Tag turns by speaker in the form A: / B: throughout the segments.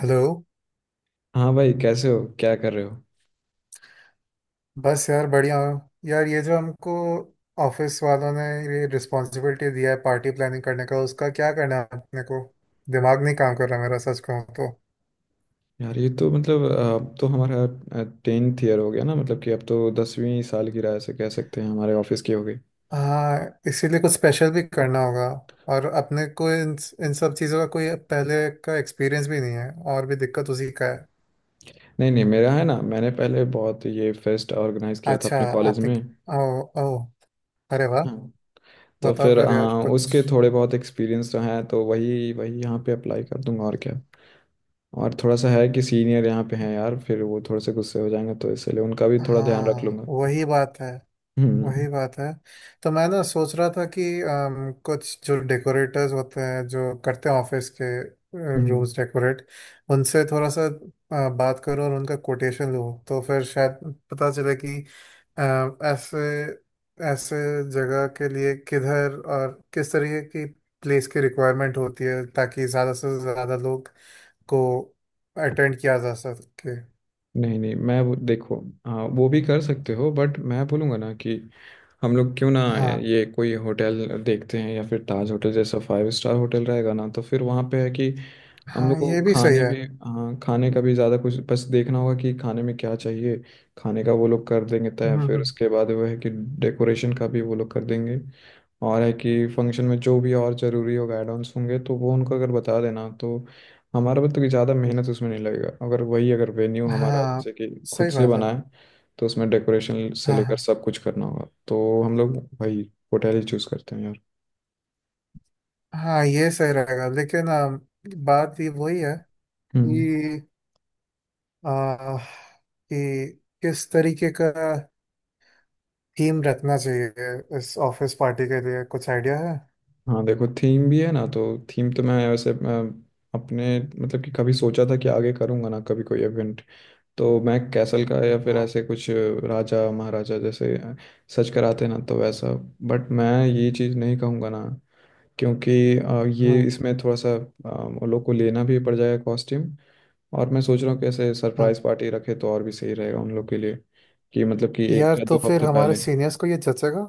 A: Hello.
B: हाँ भाई, कैसे हो? क्या कर रहे हो?
A: बस यार बढ़िया हूँ। यार ये जो हमको ऑफिस वालों ने ये रिस्पॉन्सिबिलिटी दिया है पार्टी प्लानिंग करने का, उसका क्या करना है अपने को? दिमाग नहीं काम कर रहा मेरा सच कहूँ तो।
B: यार, ये तो मतलब अब तो हमारा टेंथ ईयर हो गया ना। मतलब कि अब तो दसवीं साल की राह से कह सकते हैं, हमारे ऑफिस की हो गई।
A: हाँ, इसीलिए कुछ स्पेशल भी करना होगा। और अपने को इन इन सब चीज़ों का कोई पहले का एक्सपीरियंस भी नहीं है, और भी दिक्कत उसी का है।
B: नहीं नहीं, मेरा है ना, मैंने पहले बहुत ये फेस्ट ऑर्गेनाइज किया था
A: अच्छा,
B: अपने कॉलेज
A: आपने?
B: में।
A: ओ, ओ, अरे वाह!
B: हाँ, तो
A: बताओ
B: फिर
A: फिर यार
B: हाँ,
A: कुछ।
B: उसके थोड़े बहुत एक्सपीरियंस तो हैं, तो वही वही यहाँ पे अप्लाई कर दूंगा और क्या। और थोड़ा सा है कि सीनियर यहाँ पे हैं यार, फिर वो थोड़े से गुस्से हो जाएंगे तो इसलिए उनका भी थोड़ा ध्यान रख
A: हाँ
B: लूंगा।
A: वही बात है,
B: हम्म
A: वही बात है। तो मैं ना सोच रहा था कि कुछ जो डेकोरेटर्स होते हैं जो करते हैं ऑफिस के
B: हम्म।
A: रूम्स डेकोरेट, उनसे थोड़ा सा बात करूं और उनका कोटेशन लूं तो फिर शायद पता चले कि अ, ऐसे ऐसे जगह के लिए किधर और किस तरीके की प्लेस की रिक्वायरमेंट होती है ताकि ज़्यादा से ज़्यादा लोग को अटेंड किया जा सके।
B: नहीं नहीं, मैं वो देखो, हाँ, वो भी कर सकते हो, बट मैं बोलूँगा ना कि हम लोग क्यों ना यार
A: हाँ,
B: ये कोई होटल देखते हैं, या फिर ताज होटल जैसा 5 स्टार होटल रहेगा ना, तो फिर वहाँ पे है कि हम
A: हाँ
B: लोग को
A: ये भी सही
B: खाने
A: है।
B: भी, हाँ, खाने का भी ज़्यादा कुछ बस देखना होगा कि खाने में क्या चाहिए। खाने का वो लोग कर देंगे तय,
A: हम्म,
B: फिर उसके बाद वो है कि डेकोरेशन का भी वो लोग कर देंगे। और है कि फंक्शन में जो भी और ज़रूरी होगा, एड ऑन्स होंगे तो वो उनको अगर बता देना, तो हमारा मतलब कि ज़्यादा मेहनत उसमें नहीं लगेगा। अगर वही, अगर वेन्यू हमारा
A: हाँ
B: जैसे कि खुद
A: सही
B: से
A: बात है।
B: बनाए, तो उसमें डेकोरेशन से
A: हाँ
B: लेकर
A: हाँ
B: सब कुछ करना होगा, तो हम लोग भाई होटल ही चूज करते हैं यार।
A: हाँ, ये सही रहेगा लेकिन बात ये वही है
B: हम्म।
A: कि कि किस तरीके का थीम रखना चाहिए इस ऑफिस पार्टी के लिए, कुछ आइडिया है?
B: हाँ देखो, थीम भी है ना, तो थीम तो मैं, वैसे मैं अपने, मतलब कि कभी सोचा था कि आगे करूँगा ना कभी कोई इवेंट, तो मैं कैसल का या फिर
A: हाँ।
B: ऐसे कुछ राजा महाराजा जैसे सच कराते ना, तो वैसा। बट मैं ये चीज़ नहीं कहूँगा ना, क्योंकि ये
A: हम्म।
B: इसमें थोड़ा सा अ, उन लोग को लेना भी पड़ जाएगा कॉस्ट्यूम। और मैं सोच रहा हूँ कैसे
A: हाँ।
B: सरप्राइज पार्टी रखे, तो और भी सही रहेगा उन लोग के लिए, कि मतलब कि एक
A: यार,
B: या
A: तो
B: दो
A: फिर
B: हफ्ते
A: हमारे
B: पहले।
A: सीनियर्स को ये जचेगा?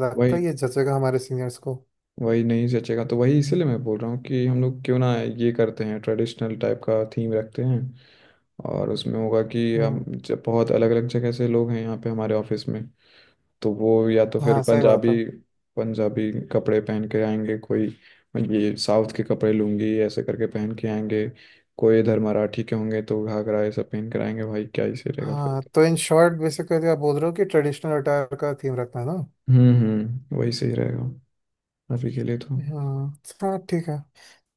A: लगता है
B: वही,
A: ये जचेगा हमारे सीनियर्स को।
B: वही नहीं जचेगा तो वही इसीलिए मैं बोल रहा हूँ कि हम लोग क्यों ना ये करते हैं, ट्रेडिशनल टाइप का थीम रखते हैं। और उसमें होगा कि हम
A: हम्म।
B: जब बहुत अलग अलग जगह से लोग हैं यहाँ पे हमारे ऑफिस में, तो वो या तो फिर
A: हाँ सही बात है।
B: पंजाबी, पंजाबी कपड़े पहन के आएंगे, कोई ये साउथ के कपड़े लूंगी ऐसे करके पहन के आएंगे, कोई इधर मराठी के होंगे तो घाघरा ये सब पहन कर आएंगे। भाई क्या ही सही रहेगा फिर।
A: हाँ, तो इन शॉर्ट बेसिकली आप बोल रहे हो कि ट्रेडिशनल अटायर का थीम रखना है ना।
B: हम्म, वही सही रहेगा अभी के लिए तो।
A: हम्म। हाँ ठीक है।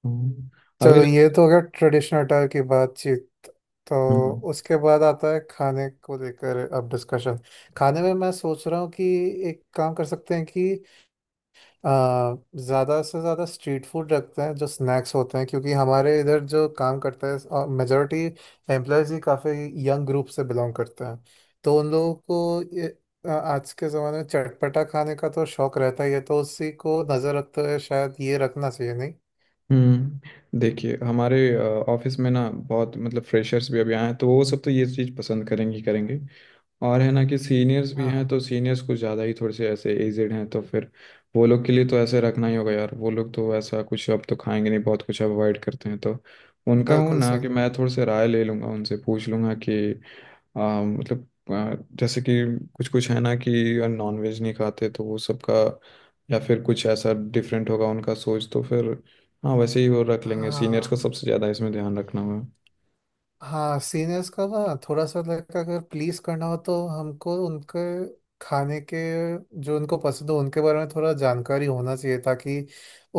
B: हम्म, अभी।
A: चलो, ये तो हो गया ट्रेडिशनल अटायर की बातचीत। तो
B: हम्म
A: उसके बाद आता है खाने को लेकर अब डिस्कशन। खाने में मैं सोच रहा हूँ कि एक काम कर सकते हैं कि ज़्यादा से ज़्यादा स्ट्रीट फूड रखते हैं जो स्नैक्स होते हैं, क्योंकि हमारे इधर जो काम करते हैं मेजोरिटी एम्प्लॉयज़ ही, काफ़ी यंग ग्रुप से बिलोंग करते हैं। तो उन लोगों को आज के ज़माने में चटपटा खाने का तो शौक रहता ही है, तो उसी को नज़र रखते हुए शायद ये रखना चाहिए नहीं?
B: हम्म, देखिए हमारे ऑफिस में ना बहुत मतलब फ्रेशर्स भी अभी आए हैं, तो वो सब तो ये चीज़ पसंद करेंगे ही करेंगे। और है ना कि सीनियर्स भी
A: हाँ
B: हैं,
A: हाँ।
B: तो सीनियर्स कुछ ज़्यादा ही थोड़े से ऐसे एजेड हैं, तो फिर वो लोग के लिए तो ऐसे रखना ही होगा यार। वो लोग तो ऐसा कुछ अब तो खाएंगे नहीं, बहुत कुछ अवॉइड करते हैं, तो उनका हूँ
A: बिल्कुल
B: ना
A: सही।
B: कि मैं थोड़े से राय ले लूँगा, उनसे पूछ लूँगा कि हाँ, मतलब जैसे कि कुछ कुछ है ना कि नॉन वेज नहीं खाते, तो वो सबका, या फिर कुछ ऐसा डिफरेंट होगा उनका सोच, तो फिर हाँ वैसे ही वो रख लेंगे। सीनियर्स को
A: हाँ,
B: सबसे ज़्यादा इसमें ध्यान रखना होगा।
A: हाँ सीनियर्स का ना थोड़ा सा लाइक अगर प्लीज करना हो तो हमको उनके खाने के जो उनको पसंद हो उनके बारे में थोड़ा जानकारी होना चाहिए, ताकि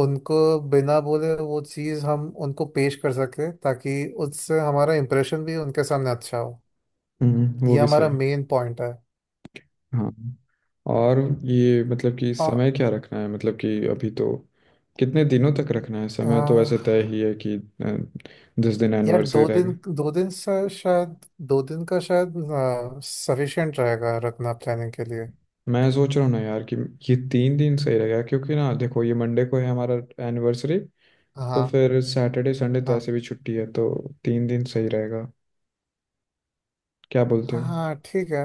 A: उनको बिना बोले वो चीज़ हम उनको पेश कर सके, ताकि उससे हमारा इम्प्रेशन भी उनके सामने अच्छा हो।
B: हम्म, वो
A: ये
B: भी
A: हमारा
B: सही।
A: मेन पॉइंट है।
B: हाँ, और ये मतलब कि
A: आ,
B: समय क्या रखना है, मतलब कि अभी तो कितने दिनों तक रखना है,
A: आ,
B: समय तो वैसे तय ही है कि 10 दिन
A: यार, दो
B: एनिवर्सरी
A: दिन
B: रहेगा।
A: दो दिन से शायद, दो दिन का शायद सफिशिएंट रहेगा रखना प्लानिंग के लिए।
B: मैं सोच रहा हूँ ना यार कि ये 3 दिन सही रहेगा, क्योंकि ना देखो ये मंडे को है हमारा एनिवर्सरी, तो
A: हाँ
B: फिर सैटरडे संडे तो
A: हाँ।
B: ऐसे भी छुट्टी है, तो 3 दिन सही रहेगा, क्या बोलते हो?
A: हाँ ठीक है,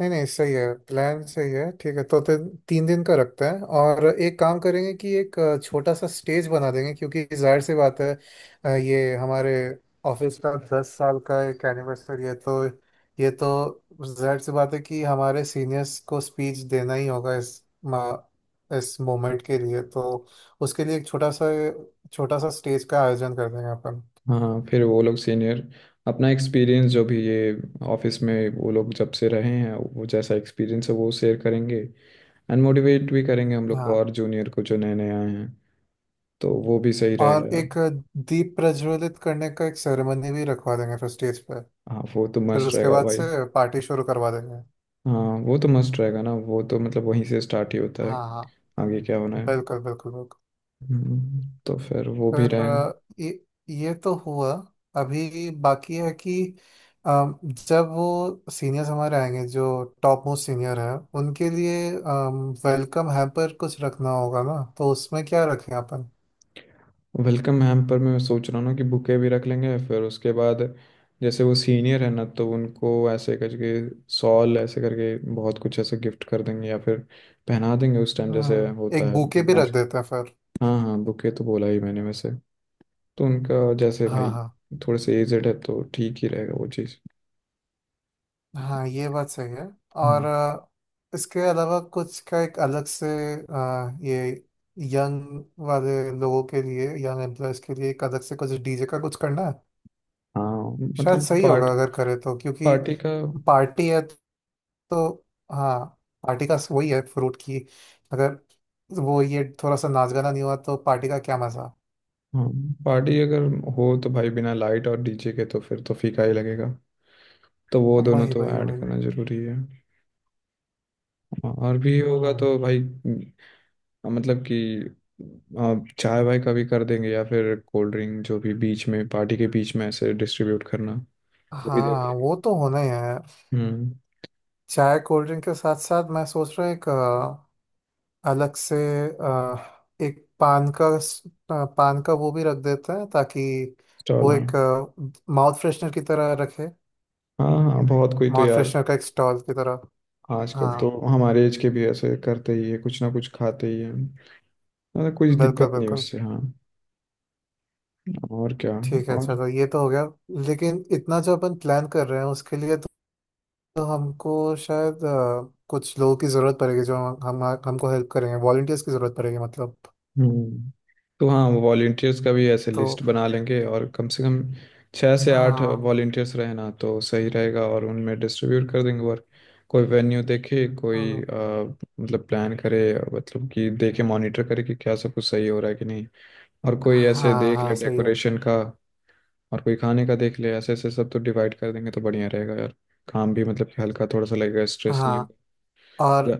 A: नहीं नहीं सही है, प्लान सही है। ठीक है तो फिर तीन दिन का रखते हैं। और एक काम करेंगे कि एक छोटा सा स्टेज बना देंगे क्योंकि जाहिर सी बात है, ये हमारे ऑफिस का दस साल का एक एनिवर्सरी है तो ये तो जाहिर सी बात है कि हमारे सीनियर्स को स्पीच देना ही होगा इस इस मोमेंट के लिए। तो उसके लिए एक छोटा सा स्टेज का आयोजन कर देंगे अपन।
B: हाँ फिर वो लोग सीनियर अपना एक्सपीरियंस जो भी ये ऑफिस में वो लोग जब से रहे हैं, वो जैसा एक्सपीरियंस है वो शेयर करेंगे एंड मोटिवेट भी करेंगे हम लोग को
A: हाँ।
B: और जूनियर को जो नए नए आए हैं, तो वो भी सही रहेगा
A: और
B: यार।
A: एक दीप प्रज्वलित करने का एक सेरेमनी भी रखवा देंगे फिर स्टेज पे।
B: हाँ वो तो
A: फिर
B: मस्त
A: उसके
B: रहेगा
A: बाद
B: भाई।
A: से पार्टी शुरू करवा देंगे।
B: हाँ वो तो मस्त रहेगा ना, वो तो मतलब वहीं से स्टार्ट ही होता है,
A: हाँ हाँ,
B: आगे क्या होना है।
A: बिल्कुल बिल्कुल बिल्कुल।
B: तो फिर वो भी
A: फिर
B: रहेगा।
A: ये ये तो हुआ। अभी बाकी है कि अ, जब वो सीनियर्स हमारे आएंगे जो टॉप मोस्ट सीनियर है, उनके लिए वेलकम हैम्पर कुछ रखना होगा ना, तो उसमें क्या रखें अपन?
B: वेलकम हैम्पर में मैं सोच रहा हूँ ना कि बुके भी रख लेंगे, फिर उसके बाद जैसे वो सीनियर है ना, तो उनको ऐसे करके सॉल ऐसे करके बहुत कुछ ऐसे गिफ्ट कर देंगे या फिर पहना देंगे उस टाइम, जैसे
A: हम्म,
B: होता
A: एक
B: है
A: बूके
B: हम
A: भी रख
B: आज।
A: देते हैं फिर।
B: हाँ हाँ, बुके तो बोला ही मैंने वैसे। तो उनका जैसे
A: हाँ
B: भाई
A: हाँ
B: थोड़े से एजेड है, तो ठीक ही रहेगा वो चीज़।
A: हाँ ये बात सही है। और
B: हम्म।
A: इसके अलावा कुछ का एक अलग से, ये यंग वाले लोगों के लिए, यंग एम्प्लॉयज के लिए एक अलग से कुछ डीजे का कुछ करना है
B: हाँ
A: शायद
B: मतलब
A: सही होगा अगर करे तो, क्योंकि
B: पार्टी का।
A: पार्टी है तो। हाँ, पार्टी का वही है फ्रूट की, अगर वो ये थोड़ा सा नाच गाना नहीं हुआ तो पार्टी का क्या मजा।
B: हाँ, पार्टी अगर हो तो भाई बिना लाइट और डीजे के तो फिर तो फीका ही लगेगा, तो वो दोनों
A: वही
B: तो
A: वही
B: ऐड
A: वही।
B: करना जरूरी है। हाँ, और भी होगा
A: हम्म।
B: तो भाई मतलब कि चाय वाय का भी कर देंगे, या फिर कोल्ड ड्रिंक जो भी बीच में, पार्टी के बीच में ऐसे डिस्ट्रीब्यूट करना, वो भी देख
A: हाँ
B: लेंगे।
A: वो तो होना ही है।
B: हम्म।
A: चाय कोल्ड ड्रिंक के साथ साथ मैं सोच रहा हूँ एक अलग से अ, एक पान का स- अ, पान का वो भी रख देते हैं ताकि
B: स्टॉल,
A: वो
B: हाँ।
A: एक माउथ फ्रेशनर की तरह रखे,
B: हाँ हाँ, बहुत कोई तो
A: माउथ
B: यार,
A: फ्रेशनर का एक स्टॉल की तरह।
B: आजकल तो
A: हाँ,
B: हमारे एज के भी ऐसे करते ही है, कुछ ना कुछ खाते ही है। मतलब कुछ
A: बिल्कुल
B: दिक्कत नहीं
A: बिल्कुल।
B: उससे, हाँ। और क्या।
A: ठीक है,
B: और
A: चलो ये तो हो गया। लेकिन इतना जो अपन प्लान कर रहे हैं उसके लिए तो हमको शायद कुछ लोगों की ज़रूरत पड़ेगी जो हम हमको हेल्प करेंगे, वॉलंटियर्स की ज़रूरत पड़ेगी मतलब।
B: हम्म, तो हाँ वो वॉलेंटियर्स का भी ऐसे
A: तो
B: लिस्ट बना लेंगे, और कम से कम छः से आठ
A: हाँ।
B: वॉलेंटियर्स रहना तो सही रहेगा, और उनमें डिस्ट्रीब्यूट कर देंगे वर्क। कोई वेन्यू देखे, कोई
A: हम्म।
B: मतलब प्लान करे, मतलब कि देखे, मॉनिटर करे कि क्या सब कुछ सही हो रहा है कि नहीं। और कोई ऐसे
A: हाँ
B: देख
A: हाँ
B: ले
A: सही है।
B: डेकोरेशन का। और कोई खाने का देख ले, ऐसे ऐसे सब तो डिवाइड कर देंगे, तो बढ़िया रहेगा यार, काम भी मतलब कि हल्का थोड़ा सा लगेगा, स्ट्रेस नहीं
A: हाँ
B: होगा।
A: और।
B: या-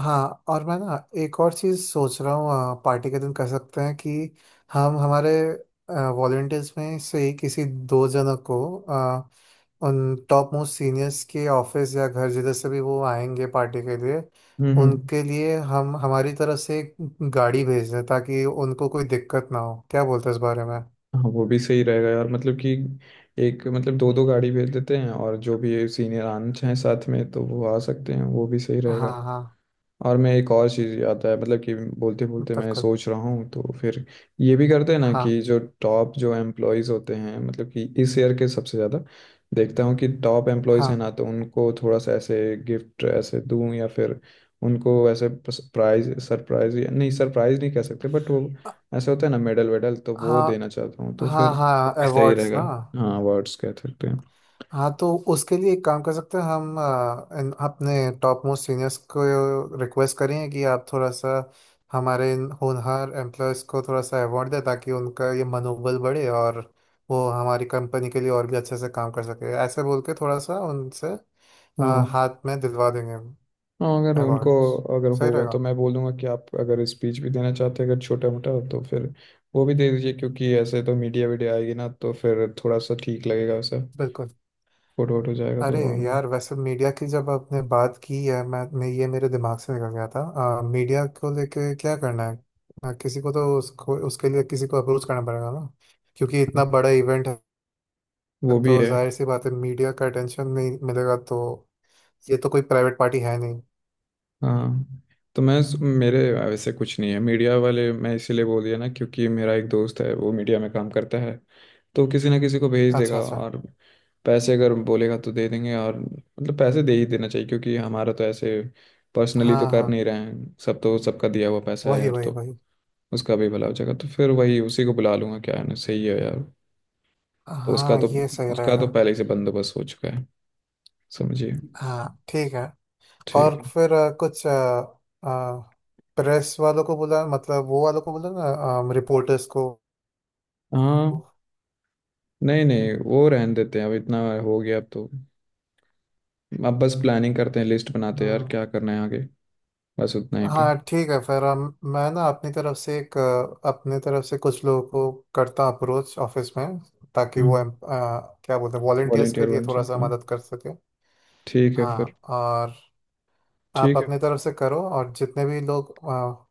A: हाँ और मैं ना एक और चीज़ सोच रहा हूँ पार्टी के दिन कर सकते हैं कि हम हमारे वॉलेंटियर्स में से ही किसी दो जनों को उन टॉप मोस्ट सीनियर्स के ऑफिस या घर जिधर से भी वो आएंगे पार्टी के लिए,
B: हम्म।
A: उनके लिए हम हमारी तरफ से एक गाड़ी भेज दें ताकि उनको कोई दिक्कत ना हो, क्या बोलते हैं इस बारे में?
B: हाँ वो भी सही रहेगा यार, मतलब कि एक, मतलब दो दो गाड़ी भेज देते हैं, और जो भी सीनियर आना चाहें साथ में तो वो आ सकते हैं, वो भी सही
A: हाँ
B: रहेगा।
A: हाँ,
B: और मैं एक और चीज़ याद है, मतलब कि बोलते बोलते मैं
A: बिल्कुल।
B: सोच रहा हूँ, तो फिर ये भी करते हैं ना
A: हाँ
B: कि जो टॉप जो एम्प्लॉयज़ होते हैं, मतलब कि इस ईयर के सबसे ज़्यादा देखता हूँ कि टॉप एम्प्लॉयज़ हैं
A: हाँ
B: ना, तो उनको थोड़ा सा ऐसे गिफ्ट ऐसे दूँ, या फिर उनको ऐसे प्राइज, सरप्राइज नहीं, सरप्राइज नहीं कह सकते, बट वो ऐसे होता है ना मेडल वेडल, तो वो
A: हाँ,
B: देना चाहता हूँ, तो
A: हाँ
B: फिर
A: हाँ हाँ
B: वो भी सही
A: अवार्ड्स
B: रहेगा।
A: ना।
B: हाँ, अवार्ड्स कह सकते हैं।
A: हाँ, तो उसके लिए एक काम कर सकते हैं हम अपने टॉप मोस्ट सीनियर्स को रिक्वेस्ट करें कि आप थोड़ा सा हमारे इन होनहार एम्प्लॉयज़ को थोड़ा सा अवार्ड दें, ताकि उनका ये मनोबल बढ़े और वो हमारी कंपनी के लिए और भी अच्छे से काम कर सके, ऐसे बोल के थोड़ा सा उनसे अ,
B: हाँ
A: हाथ में दिलवा देंगे
B: हाँ, अगर उनको
A: अवार्ड्स।
B: अगर
A: सही
B: होगा
A: रहेगा।
B: तो मैं बोलूँगा कि आप अगर स्पीच भी देना चाहते हैं अगर छोटा मोटा, तो फिर वो भी दे दीजिए, क्योंकि ऐसे तो मीडिया वीडिया आएगी ना, तो फिर थोड़ा सा ठीक लगेगा सब।
A: बिल्कुल।
B: फोटो वोटो जाएगा तो
A: अरे
B: और भी।
A: यार, वैसे मीडिया की जब आपने बात की है, मैं ये मेरे दिमाग से निकल गया था। मीडिया को लेके क्या करना है? किसी को तो उसको उसके लिए किसी को अप्रोच करना पड़ेगा ना, क्योंकि इतना बड़ा इवेंट है,
B: वो भी
A: तो
B: है।
A: जाहिर सी बात है मीडिया का अटेंशन नहीं मिलेगा तो, ये तो कोई प्राइवेट पार्टी है नहीं।
B: हाँ तो मैं, मेरे वैसे कुछ नहीं है, मीडिया वाले मैं इसीलिए बोल दिया ना, क्योंकि मेरा एक दोस्त है, वो मीडिया में काम करता है, तो किसी ना किसी को भेज देगा।
A: अच्छा अच्छा।
B: और पैसे अगर बोलेगा तो दे देंगे, और मतलब पैसे दे ही देना चाहिए, क्योंकि हमारा तो ऐसे पर्सनली तो
A: हाँ
B: कर
A: हाँ,
B: नहीं रहे हैं, सब तो सबका दिया हुआ पैसा है
A: वही
B: यार,
A: वही
B: तो
A: वही।
B: उसका भी भला हो जाएगा, तो फिर वही उसी को बुला लूंगा, क्या है ना, सही है यार। तो उसका
A: हाँ
B: तो
A: ये सही
B: उसका
A: रहेगा।
B: तो पहले ही से बंदोबस्त हो चुका है, समझिए।
A: हाँ ठीक है।
B: ठीक
A: और
B: है।
A: फिर कुछ प्रेस वालों को बुला, मतलब वो वालों को बुला ना, रिपोर्टर्स को।
B: हाँ, नहीं नहीं, वो रहने देते हैं, अब इतना हो गया, अब तो अब बस प्लानिंग करते हैं, लिस्ट बनाते हैं यार,
A: हाँ।
B: क्या करना है आगे, बस उतना ही पे।
A: हाँ, ठीक है फिर हम, मैं ना अपनी तरफ से एक अपने तरफ से कुछ लोगों को करता हूँ अप्रोच ऑफिस में, ताकि वो
B: हम्म।
A: क्या बोलते हैं वॉलेंटियर्स के
B: वॉलेंटियर
A: लिए
B: बन से,
A: थोड़ा सा
B: हाँ।
A: मदद कर सके।
B: ठीक है फिर।
A: हाँ और। आप
B: ठीक है।
A: अपनी तरफ से करो और जितने भी लोग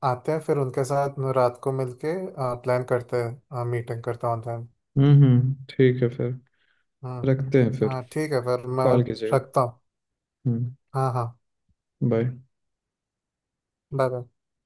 A: आते हैं फिर उनके साथ मैं रात को मिलके प्लान करते हैं, मीटिंग करता हूँ ऑनलाइन।
B: हम्म, ठीक है फिर। रखते हैं
A: हम्म,
B: फिर।
A: हाँ ठीक है फिर मैं
B: कॉल कीजिएगा।
A: रखता हूँ।
B: हम्म।
A: हाँ हाँ।
B: बाय।
A: Bye bye.